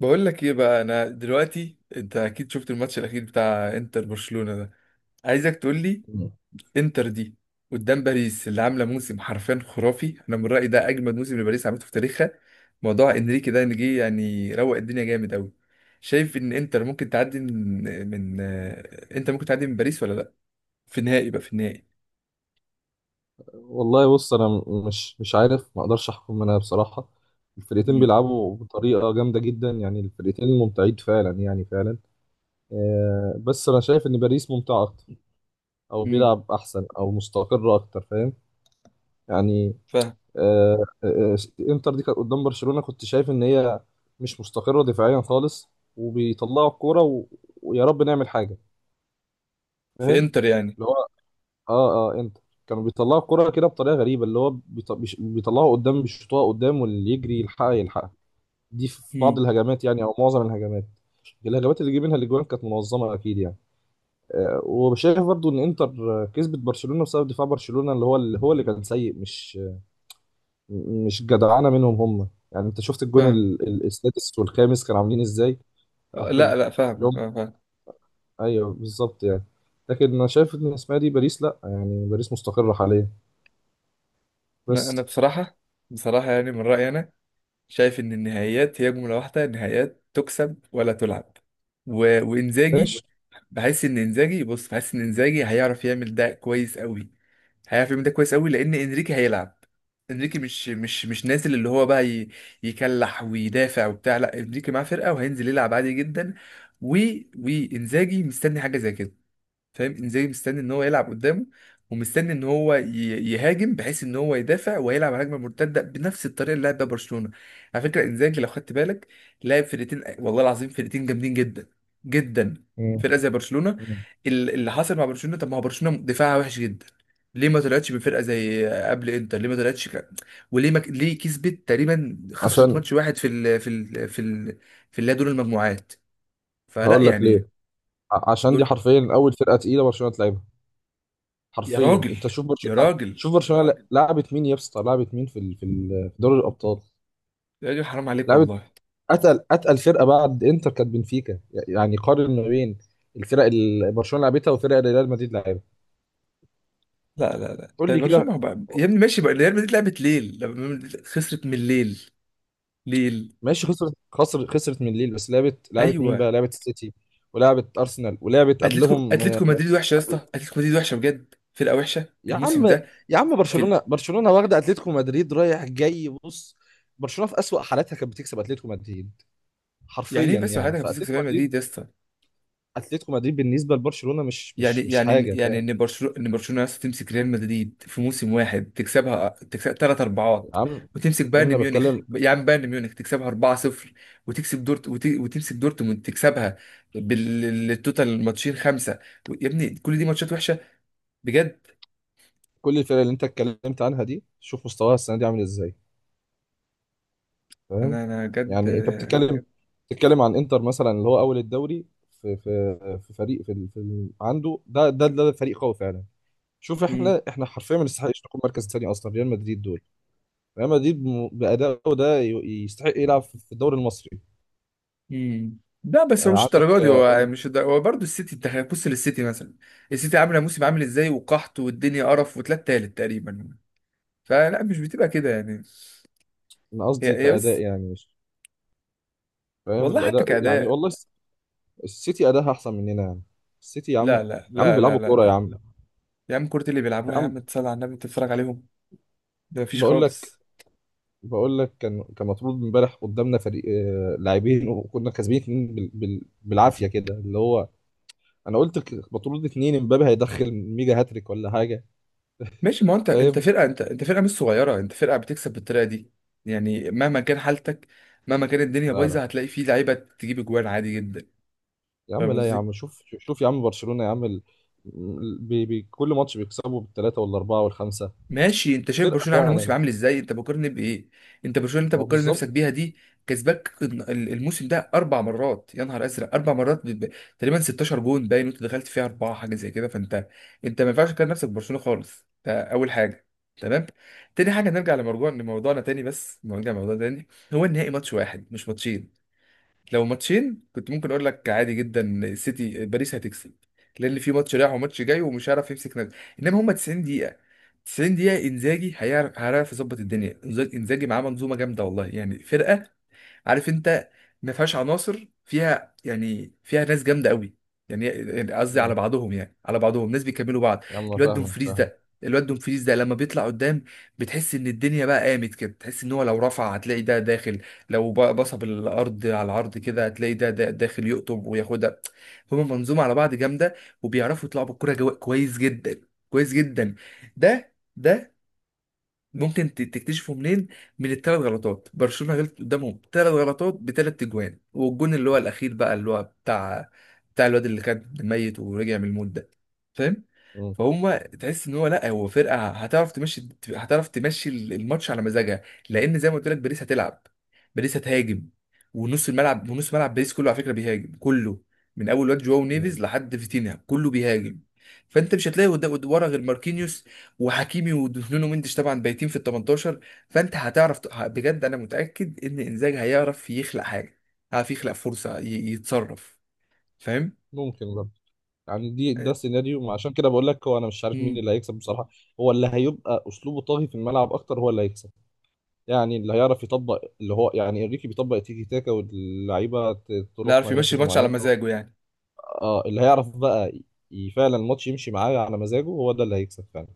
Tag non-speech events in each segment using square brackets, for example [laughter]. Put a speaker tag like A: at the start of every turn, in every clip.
A: بقول لك ايه بقى. انا دلوقتي انت اكيد شفت الماتش الاخير بتاع انتر برشلونة ده. عايزك تقول لي
B: مم.
A: انتر دي قدام باريس اللي عامله موسم حرفيا خرافي. انا من رايي ده اجمد موسم لباريس عملته في تاريخها. موضوع انريكي ده ان جه يعني روق الدنيا جامد قوي. شايف ان انتر ممكن تعدي من انتر ممكن تعدي من باريس ولا لا؟ في النهائي بقى، في النهائي.
B: والله بص، انا مش عارف، ما اقدرش احكم انا بصراحه. الفرقتين
A: امم
B: بيلعبوا بطريقه جامده جدا، يعني الفرقتين ممتعين فعلا، يعني فعلا. بس انا شايف ان باريس ممتع اكتر، او
A: امم
B: بيلعب احسن او مستقر اكتر، فاهم يعني.
A: فاهم
B: آه، آه، آه، انتر دي كانت قدام برشلونه، كنت شايف ان هي مش مستقره دفاعيا خالص، وبيطلعوا الكوره و- ويا رب نعمل حاجه.
A: في
B: فاهم.
A: انتر يعني.
B: اه انت، كانوا بيطلعوا الكرة كده بطريقة غريبة، اللي هو بيطلعوا قدام، بيشوطوها قدام، واللي يجري يلحقها يلحقها. دي في بعض
A: امم
B: الهجمات يعني، او معظم الهجمات. الهجمات اللي جه منها الاجوان كانت منظمة اكيد يعني. آه، وشايف برضو ان انتر كسبت برشلونة بسبب دفاع برشلونة، اللي هو اللي هو اللي كان سيء، مش جدعانة منهم هم يعني. انت شفت الجون
A: فاهم.
B: السادس والخامس كانوا عاملين ازاي؟ [laughs] او
A: لا
B: ال-
A: لا،
B: اللي
A: فاهم
B: هم
A: فاهم
B: [laughs]
A: فاهم.
B: ايوه بالظبط يعني. لكن انا شايف ان اسمها دي باريس، لا يعني باريس مستقرة حاليا
A: انا
B: بس.
A: بصراحة، بصراحة يعني من رايي انا شايف ان النهائيات هي جمله واحده، النهائيات تكسب ولا تلعب. وانزاجي
B: ماشي.
A: بحس ان انزاجي، بص بحس ان انزاجي هيعرف يعمل ده كويس قوي، هيعرف يعمل ده كويس قوي، لان انريكي هيلعب. انريكي مش نازل اللي هو بقى يكلح ويدافع وبتاع. لا انريكي معاه فرقه وهينزل يلعب عادي جدا. و... وانزاجي مستني حاجه زي كده. فاهم، انزاجي مستني ان هو يلعب قدامه، ومستني ان هو يهاجم، بحيث ان هو يدافع ويلعب على هجمه مرتده بنفس الطريقه اللي لعب بيها برشلونه. على فكره انزاجي لو خدت بالك لعب فرقتين، والله العظيم فرقتين جامدين جدا، جدا.
B: مم.
A: فرقه زي برشلونه.
B: مم.
A: اللي حصل مع برشلونه، طب ما هو برشلونه دفاعها وحش جدا، ليه ما طلعتش من فرقه زي قبل انتر؟ ليه ما طلعتش وليه ما... ليه كسبت، تقريبا خسرت
B: عشان
A: ماتش واحد في اللي هي دور المجموعات؟ فلا
B: هقول لك
A: يعني.
B: ليه. عشان دي
A: دول
B: حرفيا اول فرقه تقيله برشلونه تلعبها.
A: يا
B: حرفيا
A: راجل،
B: انت شوف
A: يا
B: برشلونه،
A: راجل،
B: شوف برشلونه لعبت مين يا اسطى، لعبت مين في في دوري الابطال؟
A: يا راجل حرام عليك
B: لعبت،
A: والله.
B: اتقل اتقل فرقه بعد انتر كانت بنفيكا، يعني قارن ما بين الفرق اللي برشلونه لعبتها والفرق اللي ريال مدريد لعبها.
A: لا لا لا،
B: قول
A: طيب
B: لي كده.
A: برشلونة بقى يا ابني، ماشي بقى، ريال مدريد لعبت ليل لما مدريد خسرت من ليل، ليل.
B: ماشي، خسرت خسرت من ليل، بس لعبت مين
A: ايوه،
B: بقى؟ لعبت السيتي، ولعبت ارسنال، ولعبت
A: اتلتيكو،
B: قبلهم.
A: اتلتيكو مدريد وحشه يا اسطى، اتلتيكو مدريد وحشه بجد، فرقه وحشه
B: يا
A: الموسم
B: عم،
A: ده.
B: يا عم
A: في
B: برشلونة،
A: ال...
B: برشلونة واخدة اتلتيكو مدريد رايح جاي بص. برشلونة في أسوأ حالاتها كانت بتكسب اتلتيكو مدريد
A: يعني ايه
B: حرفيا
A: بس
B: يعني.
A: حضرتك بتمسك في
B: فاتلتيكو
A: ريال
B: مدريد،
A: مدريد يا اسطى؟
B: اتلتيكو مدريد بالنسبة لبرشلونة مش
A: يعني
B: مش مش
A: يعني
B: حاجة،
A: يعني
B: فاهم.
A: ان برشلونه، ان برشلونه نفسها تمسك ريال مدريد في موسم واحد تكسبها، تكسبها ثلاث
B: يا
A: اربعات،
B: عم،
A: وتمسك
B: يا
A: بايرن
B: ابني انا
A: ميونخ
B: بتكلم.
A: يا عم، بايرن ميونخ تكسبها 4-0، وتكسب وتمسك دورتموند تكسبها بالتوتال الماتشين خمسه. يا ابني كل دي ماتشات وحشه بجد.
B: كل الفرق اللي انت اتكلمت عنها دي، شوف مستواها السنة دي عامل ازاي، فاهم
A: انا بجد
B: يعني. انت
A: آه،
B: بتتكلم، بتتكلم عن انتر مثلا اللي هو اول الدوري، في فريق عنده ده فريق قوي فعلا. شوف،
A: مم.
B: احنا حرفيا ما نستحقش نكون مركز تاني اصلا. ريال مدريد دول، ريال مدريد بأدائه ده يستحق يلعب في الدوري المصري.
A: مم. لا بس هو مش
B: عندك
A: الدرجه دي، هو مش الدرجة. هو برضه السيتي، انت بص للسيتي مثلا. السيتي عامله موسم عامل ازاي، وقحط والدنيا قرف وتلات، تالت تقريبا. فلا مش بتبقى كده يعني.
B: أنا
A: يا
B: قصدي
A: يا بس،
B: كأداء يعني، مش فاهم
A: والله حتى
B: الأداء يعني.
A: كأداء.
B: والله السيتي أداها أحسن مننا يعني. السيتي يا عم،
A: لا
B: يا
A: لا
B: عم
A: لا لا
B: بيلعبوا
A: لا
B: كورة يا
A: لا،
B: عم.
A: يا عم كورة اللي بيلعبوها
B: يا
A: يا
B: عم،
A: عم تصلي على النبي تتفرج عليهم. ده مفيش
B: بقول لك،
A: خالص.
B: بقول لك كان كان مطرود امبارح قدامنا فريق، لاعبين، وكنا كاسبين اتنين بالعافية كده، اللي هو أنا قلت مطرود اتنين، امبابي هيدخل ميجا هاتريك ولا حاجة.
A: ماشي، ما هو انت، انت
B: فاهم.
A: فرقة، انت انت فرقة مش صغيرة، انت فرقة بتكسب بالطريقة دي. يعني مهما كان حالتك، مهما كان الدنيا
B: لا لا،
A: بايظة هتلاقي فيه لعيبة تجيب اجوان عادي جدا.
B: يا عم
A: فاهم
B: لا، يا عم
A: قصدي؟
B: شوف، شوف يا عم برشلونة يا عم ال... كل ماتش بيكسبوا بالثلاثة والأربعة والخمسة.
A: ماشي انت شايف
B: فرقة
A: برشلونه عامله
B: فعلا.
A: موسم عامل ازاي؟ انت بتقارن بايه؟ انت برشلونه اللي
B: ما
A: انت
B: هو
A: بتقارن نفسك بيها
B: بالظبط.
A: دي كسباك الموسم ده اربع مرات، يا نهار ازرق اربع مرات تقريبا 16 جون باين وانت دخلت فيها اربعه، حاجه زي كده. فانت، انت ما ينفعش تقارن نفسك ببرشلونه خالص، ده اول حاجه. تمام. تاني حاجه نرجع لموضوع، لموضوعنا تاني، بس نرجع لموضوع تاني. هو النهائي ماتش واحد مش ماتشين. لو ماتشين كنت ممكن اقول لك عادي جدا سيتي، باريس هتكسب، لان في ماتش رايح وماتش جاي ومش هيعرف يمسك نفسه. انما هم 90 دقيقه، 90 دقيقه انزاجي هيعرف، هيعرف يظبط الدنيا. انزاجي معاه منظومه جامده والله، يعني فرقه، عارف انت، ما فيهاش عناصر، فيها يعني فيها ناس جامده قوي. يعني قصدي على
B: مم.
A: بعضهم، يعني على بعضهم ناس بيكملوا بعض.
B: يا عم أنا
A: الواد
B: فاهمك،
A: دومفريز
B: فاهم.
A: ده، الواد دومفريز ده لما بيطلع قدام بتحس ان الدنيا بقى قامت كده، تحس ان هو لو رفع هتلاقي ده داخل، لو بصب الارض على العرض كده هتلاقي ده داخل يقطب وياخدها. هما منظومه على بعض جامده، وبيعرفوا يطلعوا بالكوره كويس جدا، كويس جدا. ده ممكن تكتشفه منين؟ من الثلاث غلطات برشلونة غلط قدامهم، ثلاث غلطات بثلاث اجوان، والجون اللي هو الاخير بقى اللي هو بتاع، بتاع الواد اللي كان ميت ورجع من الموت ده. فاهم؟
B: مم.
A: فهم تحس ان هو، لا هو فرقه هتعرف تمشي، هتعرف تمشي الماتش على مزاجها، لان زي ما قلت لك باريس هتلعب. باريس هتهاجم، ونص الملعب، ونص ملعب باريس كله على فكره بيهاجم، كله من اول واد جواو
B: مم.
A: نيفيز لحد فيتينها كله بيهاجم. فانت مش هتلاقي قدام ورا غير ماركينيوس وحكيمي ودونو مندش طبعا بايتين في ال 18. فانت هتعرف بجد انا متاكد ان انزاج هيعرف يخلق حاجه، هيعرف يخلق فرصه يتصرف. فاهم؟
B: ممكن برضه. يعني دي،
A: آه،
B: ده سيناريو ما، عشان كده بقول لك هو انا مش عارف مين
A: مم.
B: اللي هيكسب بصراحة. هو اللي هيبقى اسلوبه طاغي في الملعب اكتر هو اللي هيكسب. يعني اللي هيعرف يطبق اللي هو، يعني انريكي بيطبق تيكي تاكا واللعيبة
A: لا
B: تروح
A: يعرف يمشي
B: مراكز
A: الماتش على
B: معينة.
A: مزاجه يعني.
B: اه، اللي هيعرف بقى فعلا الماتش يمشي معاه على مزاجه، هو ده اللي هيكسب فعلا.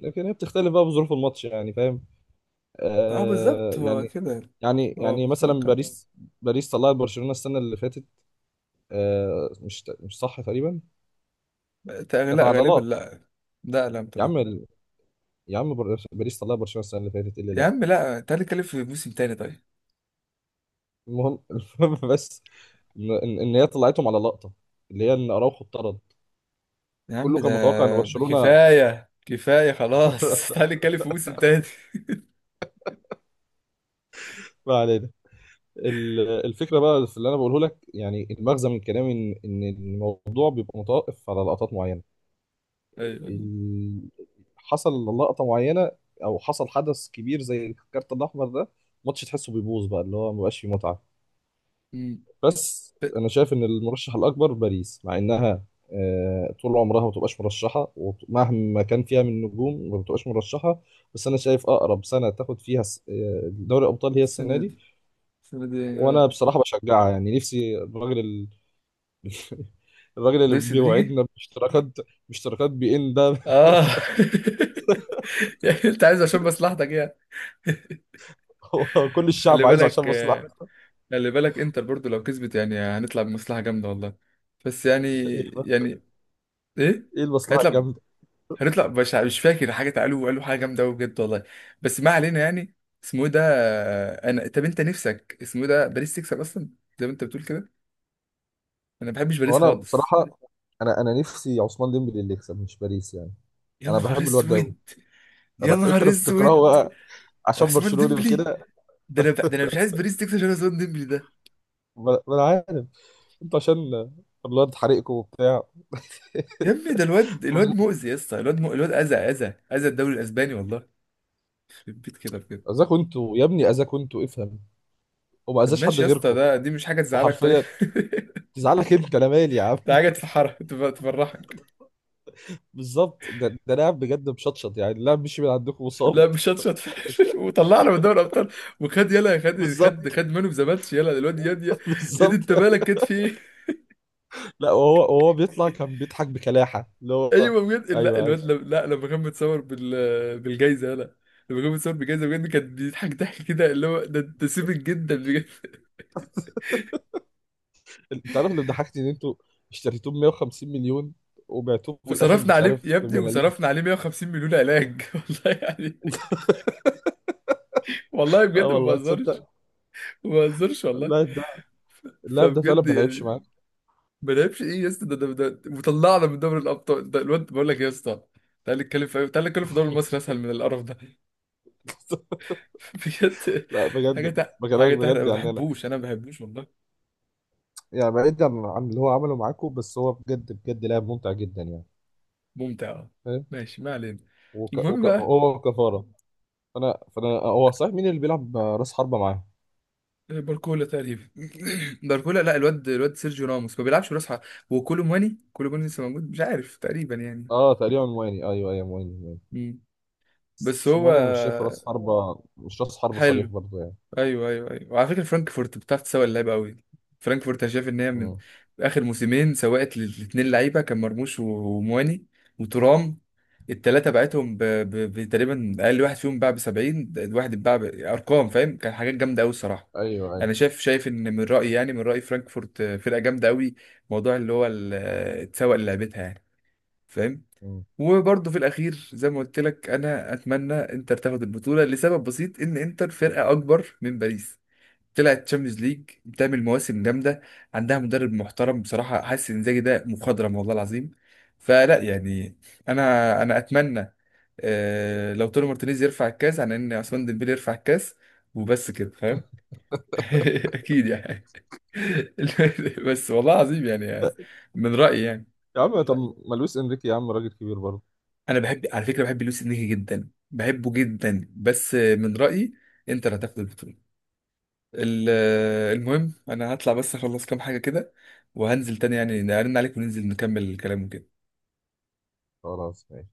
B: لكن هي بتختلف بقى بظروف الماتش يعني، فاهم.
A: اه
B: آه
A: بالظبط هو
B: يعني.
A: كده،
B: يعني
A: هو
B: يعني مثلا
A: متوقع.
B: باريس، باريس طلعت برشلونة السنة اللي فاتت، آه مش صح تقريبا؟ كانت
A: لا غالبا
B: عضلات
A: لا. لا لا
B: يا
A: لا،
B: عم ال... يا عم، باريس طلعت برشلونة السنة اللي فاتت، إيه اللي
A: يا
B: لا.
A: عم لا، تعالى نتكلم في موسم تاني طيب.
B: المهم [laughs] المهم بس، ان إن هي طلعتهم على لقطة، اللي هي ان اراوخو اتطرد،
A: يا عم
B: كله
A: ده
B: كان متوقع ان برشلونة.
A: كفايه كفايه خلاص. [laughs]
B: [laughs]
A: تعالى نتكلم في موسم تاني.
B: ما علينا. ال- الفكرة بقى في اللي انا بقوله لك يعني، المغزى من كلامي ان الموضوع بيبقى متوقف على لقطات معينة.
A: ايوه، أيوة.
B: ال- حصل لقطة معينة، أو حصل حدث كبير زي الكارت الأحمر ده، الماتش تحسه بيبوظ بقى، اللي هو مبقاش فيه متعة.
A: مم.
B: بس أنا شايف إن المرشح الأكبر باريس، مع إنها طول عمرها ما بتبقاش مرشحة، ومهما كان فيها من نجوم ما بتبقاش مرشحة. بس أنا شايف أقرب سنة تاخد فيها دوري الأبطال هي السنة
A: السنه
B: دي.
A: دي، السنه دي
B: وأنا
A: اه.
B: بصراحة بشجعها، يعني نفسي الراجل ال... [laughs] الراجل اللي
A: نفسي نيجي.
B: بيوعدنا باشتراكات، باشتراكات بي إن ده.
A: اه. [laughs] يعني انت عايز عشان مصلحتك يعني.
B: [laughs] هو كل
A: خلي
B: الشعب عايزه عشان
A: بالك
B: مصلحة.
A: آه، خلي بالك انتر برضو لو كسبت يعني هنطلع بمصلحة جامدة والله. بس يعني،
B: ايه بقى،
A: يعني ايه؟
B: ايه المصلحه
A: هنطلع،
B: الجامده؟
A: هنطلع مش مش فاكر حاجة، قالوا قالوا حاجة جامدة قوي بجد والله. بس ما علينا يعني. اسمه إيه ده؟ انا طب انت نفسك اسمه إيه ده، باريس تكسب اصلا زي ما انت بتقول كده؟ انا ما بحبش
B: هو
A: باريس
B: انا
A: خالص.
B: بصراحه، انا نفسي عثمان ديمبلي اللي يكسب، مش باريس يعني.
A: يا
B: انا
A: نهار
B: بحب الواد ده قوي.
A: اسود، يا
B: انت
A: نهار
B: اللي
A: اسود.
B: بتكرهه بقى عشان
A: عثمان
B: برشلوني
A: ديمبلي،
B: وكده.
A: ده انا، ده انا مش
B: [laughs]
A: عايز باريس تكسب عشان عثمان ديمبلي.
B: ما انا عارف، انتوا عشان الواد حريقكم وبتاع.
A: يا ابني ده الواد، الواد
B: [laughs]
A: مؤذي يا اسطى، الواد الواد اذى اذى اذى الدوري الاسباني والله. يخرب بيت كده بجد.
B: اذاكوا انتوا يا ابني، اذاكوا انتوا افهم، وما
A: طب
B: اذاش حد
A: ماشي يا اسطى،
B: غيركم.
A: ده دي مش حاجه تزعلك طيب.
B: وحرفيا
A: [laughs]
B: تزعلك انت، انا مالي يا عم.
A: ده حاجه تفحرك، تفرحك.
B: [laughs] بالظبط، ده لاعب بجد مشطشط يعني، اللاعب مشي من عندكم وصاب.
A: لا مش شطشط.
B: وش-
A: [laughs] وطلعنا من دوري الابطال. وخد يلا،
B: [laughs]
A: خد خد
B: بالظبط،
A: خد مان اوف ذا ماتش يلا الواد ياد ياد، ياد
B: بالظبط.
A: انت مالك كده، في ايه؟
B: لا، وهو بيطلع كان بيضحك بكلاحة اللي
A: [laughs]
B: هو.
A: ايوه بجد. لا
B: ايوه
A: الواد
B: ايوه.
A: لم... لا لما كان متصور بالجايزه يلا، لما كان متصور بالجايزه بجد كان بيضحك ضحك كده اللي هو ده انت سيبك جدا بجد.
B: [laughs] انت عارف اللي ضحكتي، ان انتوا اشتريتوه ب 150 مليون وبعتوه في الاخر
A: وصرفنا
B: مش
A: عليه
B: عارف
A: يا ابني،
B: بملاليم.
A: وصرفنا عليه 150 مليون علاج. [laughs] والله يعني،
B: [laughs]
A: والله
B: اه
A: بجد ما
B: والله
A: بهزرش،
B: تصدق،
A: ما بهزرش والله.
B: اللاعب ده، اللاعب ده فعلا
A: فبجد
B: ما لعبش معاك.
A: يعني، ما لعبش ايه يا اسطى، ده وطلعنا من دوري الابطال، ده الواد بقول لك يا اسطى. تعالى نتكلم في، تعالى نتكلم في دوري مصر اسهل من القرف ده.
B: [laughs]
A: [laughs] بجد.
B: لا
A: حاجه
B: بجد، بكلمك
A: حاجه تحرق،
B: بجد
A: ما
B: يعني انا،
A: بحبوش، انا ما بحبوش والله.
B: يعني بعيد عن عن اللي هو عمله معاكم، بس هو بجد بجد لاعب ممتع جدا يعني،
A: ممتع آه.
B: فاهم.
A: ماشي ما علينا.
B: وك...
A: المهم
B: وك...
A: بقى،
B: هو كفارة. فانا، فانا هو صحيح مين اللي بيلعب راس حربة معاه؟
A: باركولا تقريبا. [clears throat] [laughs] باركولا، لا الواد، الواد سيرجيو راموس ما بيلعبش براس حرب. وكولو مواني، كولو مواني لسه موجود مش عارف تقريبا يعني.
B: اه تقريبا مواني، ايوه ايوه مواني
A: مم. بس هو
B: سيموني. انا مش شايفه راس حربة، مش راس حربة صريح
A: حلو.
B: برضه يعني.
A: ايوه ايوه ايوه، وعلى فكره فرانكفورت بتعرف تسوق اللعيبه قوي. فرانكفورت انا شايف ان هي من
B: مم.
A: اخر موسمين سوقت للاثنين لعيبه كان مرموش ومواني وترام، الثلاثه بعتهم بتقريبا اقل واحد فيهم باع ب 70، الواحد اتباع ارقام فاهم، كان حاجات جامده قوي الصراحه.
B: ايوه ايوه.
A: انا شايف، شايف ان من رايي يعني، من رايي فرانكفورت فرقه جامده قوي. موضوع اللي هو تسوق لعبتها يعني. فاهم.
B: مم.
A: وبرضه في الاخير زي ما قلت لك انا اتمنى انتر تاخد البطوله لسبب بسيط، ان انتر فرقه اكبر من باريس، طلعت تشامبيونز ليج، بتعمل مواسم جامده، عندها مدرب محترم بصراحه، حاسس ان انزاجي ده مخضرم والله العظيم. فلا يعني. انا اتمنى لو توني مارتينيز يرفع الكاس عن ان عثمان ديمبلي يرفع الكاس، وبس كده فاهم. [laughs] اكيد يعني. [laughs] بس والله العظيم يعني، من رايي يعني.
B: يا عم طب، ما لويس انريكي يا عم راجل كبير برضه.
A: انا بحب على فكره، بحب لويس انريكي جدا، بحبه جدا، بس من رايي انت اللي هتاخد البطوله. ال- المهم انا هطلع بس اخلص كام حاجة كده، وهنزل تاني يعني نرن عليك وننزل نكمل الكلام وكده.
B: خلاص ماشي.